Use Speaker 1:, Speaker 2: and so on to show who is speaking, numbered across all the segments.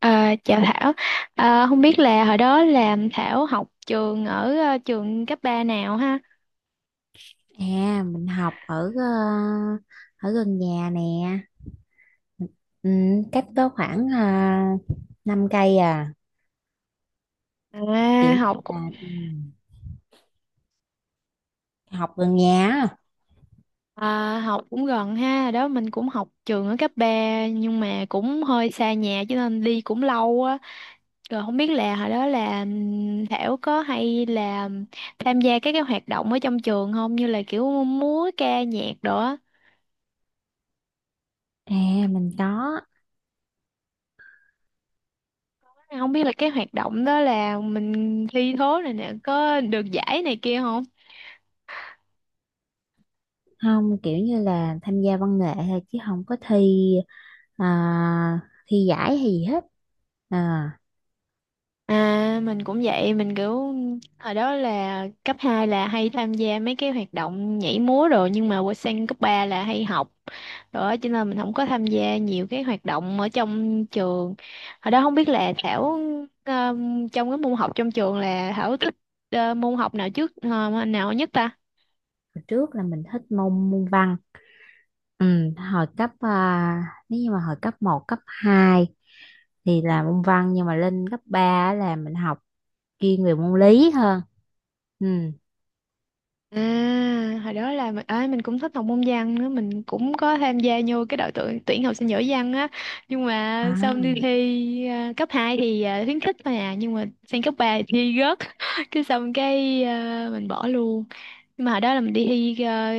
Speaker 1: Chào Thảo, không biết là hồi đó là Thảo học trường ở trường cấp 3 nào ha?
Speaker 2: À, mình học ở ở gần nhà nè. Ừ, cách có khoảng 5 cây à, kiểu
Speaker 1: À,
Speaker 2: như
Speaker 1: học cũng-
Speaker 2: là ừ, học gần nhà á.
Speaker 1: Học cũng gần ha. Hồi đó mình cũng học trường ở cấp 3 nhưng mà cũng hơi xa nhà cho nên đi cũng lâu á. Rồi không biết là hồi đó là Thảo có hay là tham gia các cái hoạt động ở trong trường không, như là kiểu múa ca nhạc đồ á.
Speaker 2: À, mình có
Speaker 1: Không biết là cái hoạt động đó là mình thi thố này nè có được giải này kia không?
Speaker 2: không kiểu như là tham gia văn nghệ thôi chứ không có thi ờ, thi giải hay gì hết. À,
Speaker 1: À, mình cũng vậy, mình kiểu hồi đó là cấp 2 là hay tham gia mấy cái hoạt động nhảy múa rồi, nhưng mà qua sang cấp 3 là hay học, rồi cho nên mình không có tham gia nhiều cái hoạt động ở trong trường. Hồi đó không biết là Thảo, ờ, trong cái môn học trong trường là Thảo thích môn học nào nào nhất ta?
Speaker 2: hồi trước là mình thích môn môn văn. Ừ, hồi cấp à, nếu như mà hồi cấp một cấp 2 thì là môn văn nhưng mà lên cấp 3 là mình học chuyên về môn lý hơn. Ừ.
Speaker 1: À, hồi đó là mình, à, mình cũng thích học môn văn nữa, mình cũng có tham gia vô cái đội tuyển tuyển học sinh giỏi văn á. Nhưng mà
Speaker 2: À,
Speaker 1: sau đi thi cấp 2 thì khuyến khích mà, nhưng mà sang cấp 3 thì thi rớt. Cái xong cái, mình bỏ luôn. Nhưng mà hồi đó là mình đi thi,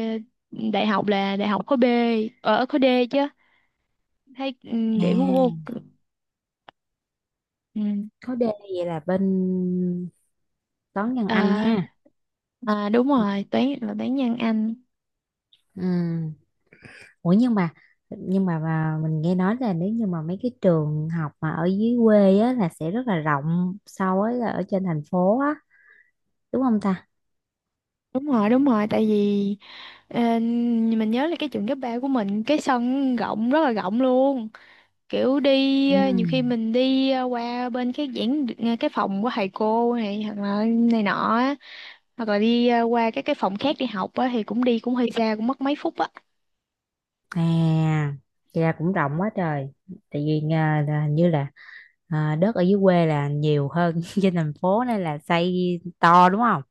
Speaker 1: đại học là đại học khối B, ở khối D chứ. Thấy
Speaker 2: à,
Speaker 1: điểm của cô, ừ,
Speaker 2: khối D vậy là bên toán văn Anh
Speaker 1: à,
Speaker 2: ha.
Speaker 1: à đúng rồi, toán là toán văn Anh.
Speaker 2: Ừ. Ủa nhưng mà nhưng mà mình nghe nói là nếu như mà mấy cái trường học mà ở dưới quê á là sẽ rất là rộng so với là ở trên thành phố á, đúng không ta?
Speaker 1: Đúng rồi, tại vì Ờ, mình nhớ là cái trường cấp 3 của mình cái sân rộng, rất là rộng luôn, kiểu đi
Speaker 2: Ừ.
Speaker 1: nhiều khi mình đi qua bên cái cái phòng của thầy cô này hoặc là này nọ á, hoặc là đi qua các cái phòng khác đi học á thì cũng đi cũng hơi xa, cũng mất mấy phút á.
Speaker 2: À, vậy là cũng rộng quá trời. Tại vì à, là hình như là à, đất ở dưới quê là nhiều hơn trên thành phố nên là xây to đúng không?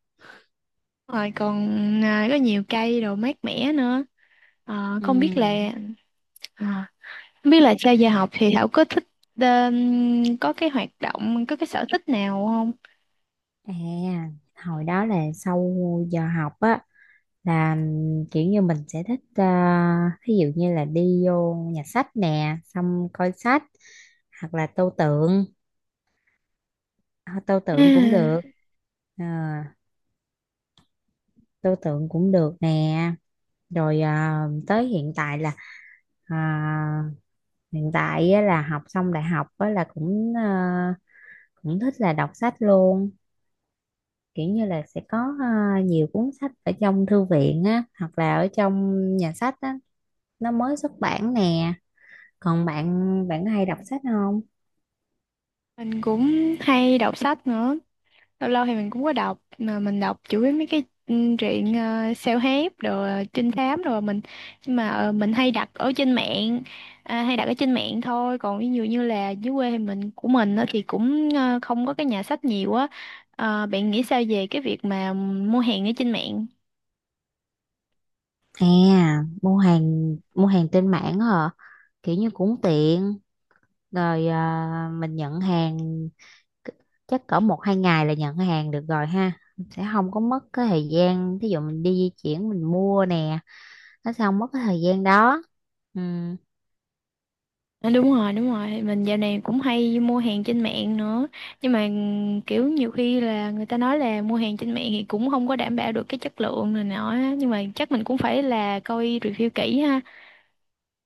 Speaker 1: Rồi còn có nhiều cây đồ mát mẻ nữa. Ờ, không biết là
Speaker 2: Ừ.
Speaker 1: ờ, Không biết là sau giờ học thì Thảo có thích ờ, có cái hoạt động, có cái sở thích nào không?
Speaker 2: À, hồi đó là sau giờ học á là kiểu như mình sẽ thích à, thí dụ như là đi vô nhà sách nè, xong coi sách hoặc là tô tượng. À, tô
Speaker 1: À,
Speaker 2: tượng cũng được. À, tô tượng cũng được nè. Rồi à, tới hiện tại là à, hiện tại á, là học xong đại học á, là cũng ờ, cũng thích là đọc sách luôn, kiểu như là sẽ có ờ, nhiều cuốn sách ở trong thư viện á hoặc là ở trong nhà sách á, nó mới xuất bản nè. Còn bạn bạn có hay đọc sách không?
Speaker 1: mình cũng hay đọc sách nữa. Lâu lâu thì mình cũng có đọc, mà mình đọc chủ yếu mấy cái truyện self-help rồi trinh thám rồi mình, nhưng mà mình hay đặt ở trên mạng, à, hay đặt ở trên mạng thôi. Còn ví dụ như là dưới quê thì của mình á thì cũng không có cái nhà sách nhiều á. Ờ, bạn nghĩ sao về cái việc mà mua hàng ở trên mạng?
Speaker 2: À, mua hàng, mua hàng trên mạng hả? Kiểu như cũng tiện, rồi ờ, mình nhận hàng c- chắc cỡ một hai ngày là nhận hàng được rồi ha. Sẽ không có mất cái thời gian, thí dụ mình đi di chuyển mình mua nè, nó sẽ không mất cái thời gian đó. Ừ.
Speaker 1: À, đúng rồi đúng rồi, mình dạo này cũng hay mua hàng trên mạng nữa, nhưng mà kiểu nhiều khi là người ta nói là mua hàng trên mạng thì cũng không có đảm bảo được cái chất lượng này nọ á. Nhưng mà chắc mình cũng phải là coi review kỹ ha.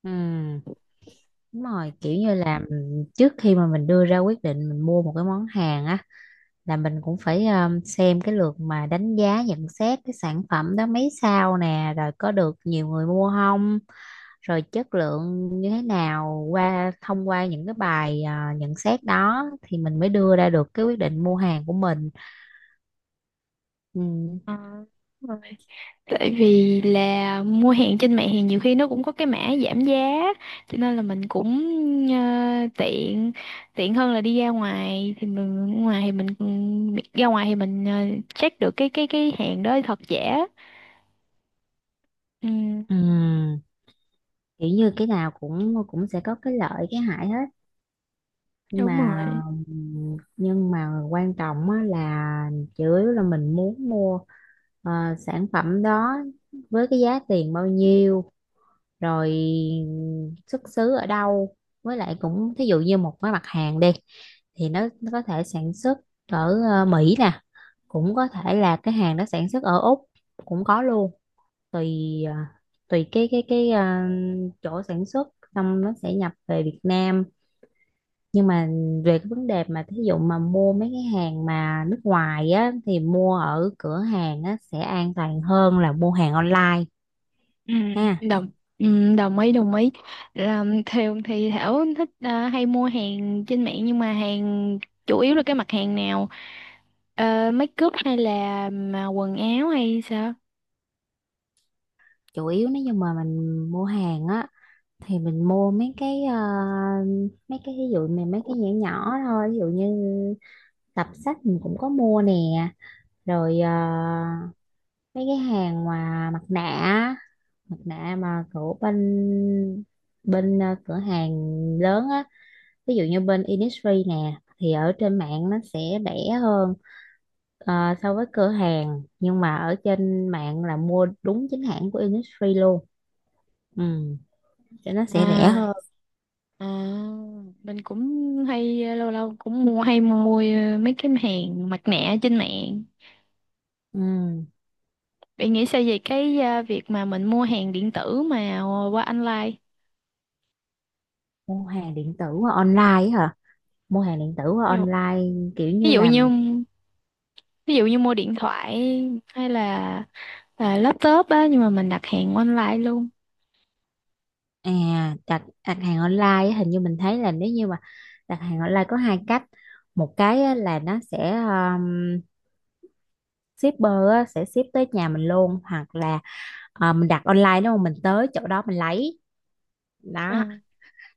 Speaker 2: Ừ. Đúng rồi, kiểu như là mình- trước khi mà mình đưa ra quyết định mình mua một cái món hàng á, là mình cũng phải xem cái lượt mà đánh giá nhận xét cái sản phẩm đó mấy sao nè, rồi có được nhiều người mua không, rồi chất lượng như thế nào, qua thông qua những cái bài à, nhận xét đó thì mình mới đưa ra được cái quyết định mua hàng của mình. Ừ.
Speaker 1: Ờ, đúng rồi. Tại vì là mua hàng trên mạng thì nhiều khi nó cũng có cái mã giảm giá, cho nên là mình cũng tiện, tiện hơn là đi ra ngoài thì mình ra ngoài thì mình check được cái hàng đó thật giả. Ừ,
Speaker 2: Ừ. Kiểu như cái nào cũng cũng sẽ có cái lợi cái hại hết, nhưng
Speaker 1: đúng
Speaker 2: mà
Speaker 1: rồi.
Speaker 2: nhưng mà quan trọng á là chủ yếu là mình muốn mua ờ, sản phẩm đó với cái giá tiền bao nhiêu, rồi xuất xứ ở đâu, với lại cũng thí dụ như một cái mặt hàng đi thì nó có thể sản xuất ở ờ, Mỹ nè, cũng có thể là cái hàng đó sản xuất ở Úc cũng có luôn, tùy ờ, tùy cái ờ, chỗ sản xuất, xong nó sẽ nhập về Việt Nam. Nhưng mà về cái vấn đề mà thí dụ mà mua mấy cái hàng mà nước ngoài á thì mua ở cửa hàng á sẽ an toàn hơn là mua hàng online
Speaker 1: Ừ,
Speaker 2: ha.
Speaker 1: đồng Đồng ý, đồng ý. Là thường thì Thảo thích hay mua hàng trên mạng, nhưng mà hàng chủ yếu là cái mặt hàng nào? Ờ, make up hay là mà quần áo hay sao?
Speaker 2: Chủ yếu nếu như mà mình mua hàng á thì mình mua mấy cái ờ, mấy cái ví dụ mà mấy cái nhỏ nhỏ thôi, ví dụ như tập sách mình cũng có mua nè, rồi ờ, mấy cái hàng mà mặt nạ á, mặt nạ mà của bên bên ờ, cửa hàng lớn á, ví dụ như bên Innisfree nè thì ở trên mạng nó sẽ rẻ hơn ờ, so với cửa hàng, nhưng mà ở trên mạng là mua đúng chính hãng của Innisfree luôn. Ừ, cho nó sẽ rẻ
Speaker 1: à
Speaker 2: hơn.
Speaker 1: à mình cũng hay, lâu lâu cũng mua, hay mua mấy cái hàng mặt nạ trên mạng.
Speaker 2: Ừ.
Speaker 1: Bạn nghĩ sao về cái, việc mà mình mua hàng điện tử mà qua online?
Speaker 2: Mua hàng điện tử qua online á hả? Mua hàng điện tử qua
Speaker 1: ví dụ
Speaker 2: online kiểu
Speaker 1: ví
Speaker 2: như
Speaker 1: dụ như
Speaker 2: làm
Speaker 1: ví dụ như mua điện thoại hay là laptop á, nhưng mà mình đặt hàng online luôn.
Speaker 2: à, đặt đặt hàng online á, hình như mình thấy là nếu như mà đặt hàng online có hai cách. Một cái á, là nó sẽ shipper á, sẽ ship tới nhà mình luôn, hoặc là ờ, mình đặt online đúng không, mình tới chỗ đó mình lấy đó.
Speaker 1: Ừ.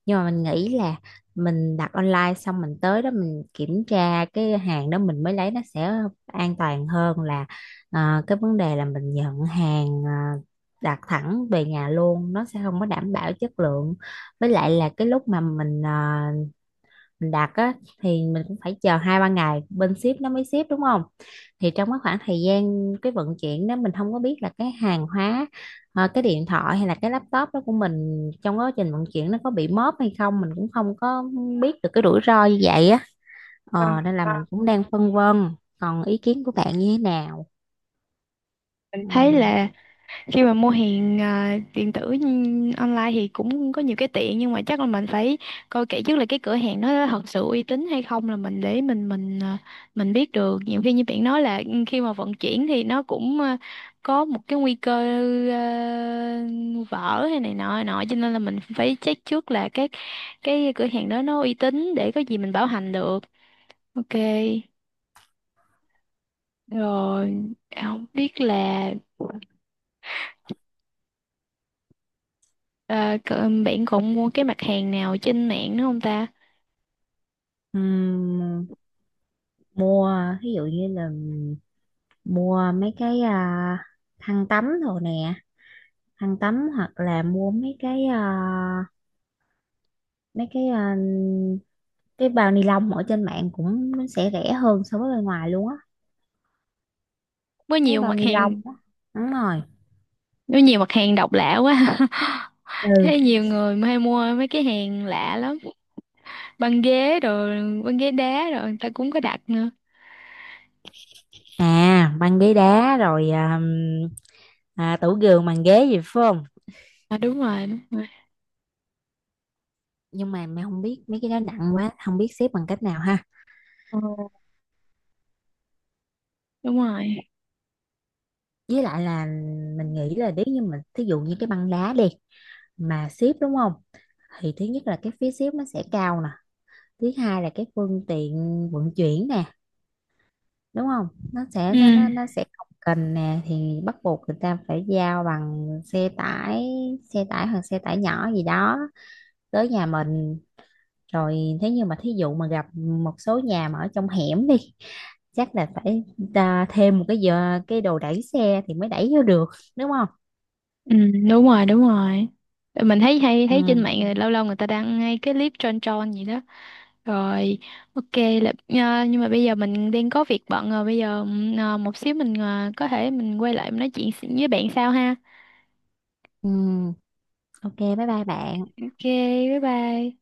Speaker 2: Nhưng mà mình nghĩ là mình đặt online xong mình tới đó mình kiểm tra cái hàng đó mình mới lấy, nó sẽ an toàn hơn là ờ, cái vấn đề là mình nhận hàng ờ, đặt thẳng về nhà luôn, nó sẽ không có đảm bảo chất lượng. Với lại là cái lúc mà mình ờ, mình đặt á thì mình cũng phải chờ hai ba ngày bên ship nó mới ship đúng không, thì trong cái khoảng thời gian cái vận chuyển đó mình không có biết là cái hàng hóa ờ, cái điện thoại hay là cái laptop đó của mình trong quá trình vận chuyển nó có bị móp hay không, mình cũng không có biết được, cái rủi ro như vậy á ờ, nên là mình cũng đang phân vân. Còn ý kiến của bạn như thế nào?
Speaker 1: Thấy
Speaker 2: Ừm.
Speaker 1: là khi mà mua hàng, điện tử online thì cũng có nhiều cái tiện, nhưng mà chắc là mình phải coi kỹ trước là cái cửa hàng nó thật sự uy tín hay không, là mình để mình mình biết được. Nhiều khi như bạn nói là khi mà vận chuyển thì nó cũng, có một cái nguy cơ, à, vỡ hay này nọ nọ cho nên là mình phải check trước là cái cửa hàng đó nó uy tín, để có gì mình bảo hành được. Ok. Rồi không biết là bạn còn mua cái mặt hàng nào trên mạng nữa không ta?
Speaker 2: Ừm, mua ví dụ như là mua mấy cái à, khăn tắm rồi nè, khăn tắm hoặc là mua mấy cái ờ, cái bao ni lông ở trên mạng cũng nó sẽ rẻ hơn so với bên ngoài luôn á.
Speaker 1: Có
Speaker 2: Mấy
Speaker 1: nhiều
Speaker 2: bao
Speaker 1: mặt
Speaker 2: ni
Speaker 1: hàng,
Speaker 2: lông á, đúng rồi.
Speaker 1: có nhiều mặt hàng độc lạ quá.
Speaker 2: Ừ.
Speaker 1: Thấy nhiều người mà hay mua mấy cái hàng lạ lắm. Băng ghế rồi, băng ghế đá rồi, người ta cũng có đặt nữa.
Speaker 2: À, băng ghế đá rồi à, à, tủ giường bàn ghế gì phải không?
Speaker 1: À đúng rồi, đúng rồi.
Speaker 2: Nhưng mà mày không biết mấy cái đó nặng quá không biết xếp bằng cách nào ha.
Speaker 1: Ờ, đúng rồi.
Speaker 2: Với lại là mình nghĩ là nếu như mình thí dụ như cái băng đá đi mà xếp đúng không, thì thứ nhất là cái phí xếp nó sẽ cao nè, thứ hai là cái phương tiện vận chuyển nè, đúng không, nó sẽ
Speaker 1: Ừ.
Speaker 2: nó sẽ không cần nè, thì bắt buộc người ta phải giao bằng xe tải, xe tải hoặc xe tải nhỏ gì đó tới nhà mình. Rồi thế nhưng mà thí dụ mà gặp một số nhà mà ở trong hẻm đi, chắc là phải ta thêm một cái giờ cái đồ đẩy xe thì mới đẩy vô được, đúng không?
Speaker 1: Ừ, đúng rồi, đúng rồi. Mình thấy hay
Speaker 2: Ừ.
Speaker 1: thấy trên mạng rồi lâu lâu người ta đăng ngay cái clip tròn tròn gì đó. Rồi, ok. Là à, nhưng mà bây giờ mình đang có việc bận rồi, bây giờ một xíu mình, có thể mình quay lại mình nói chuyện với bạn sau ha.
Speaker 2: Ừ. Ok, bye bye bạn.
Speaker 1: Ok, bye bye.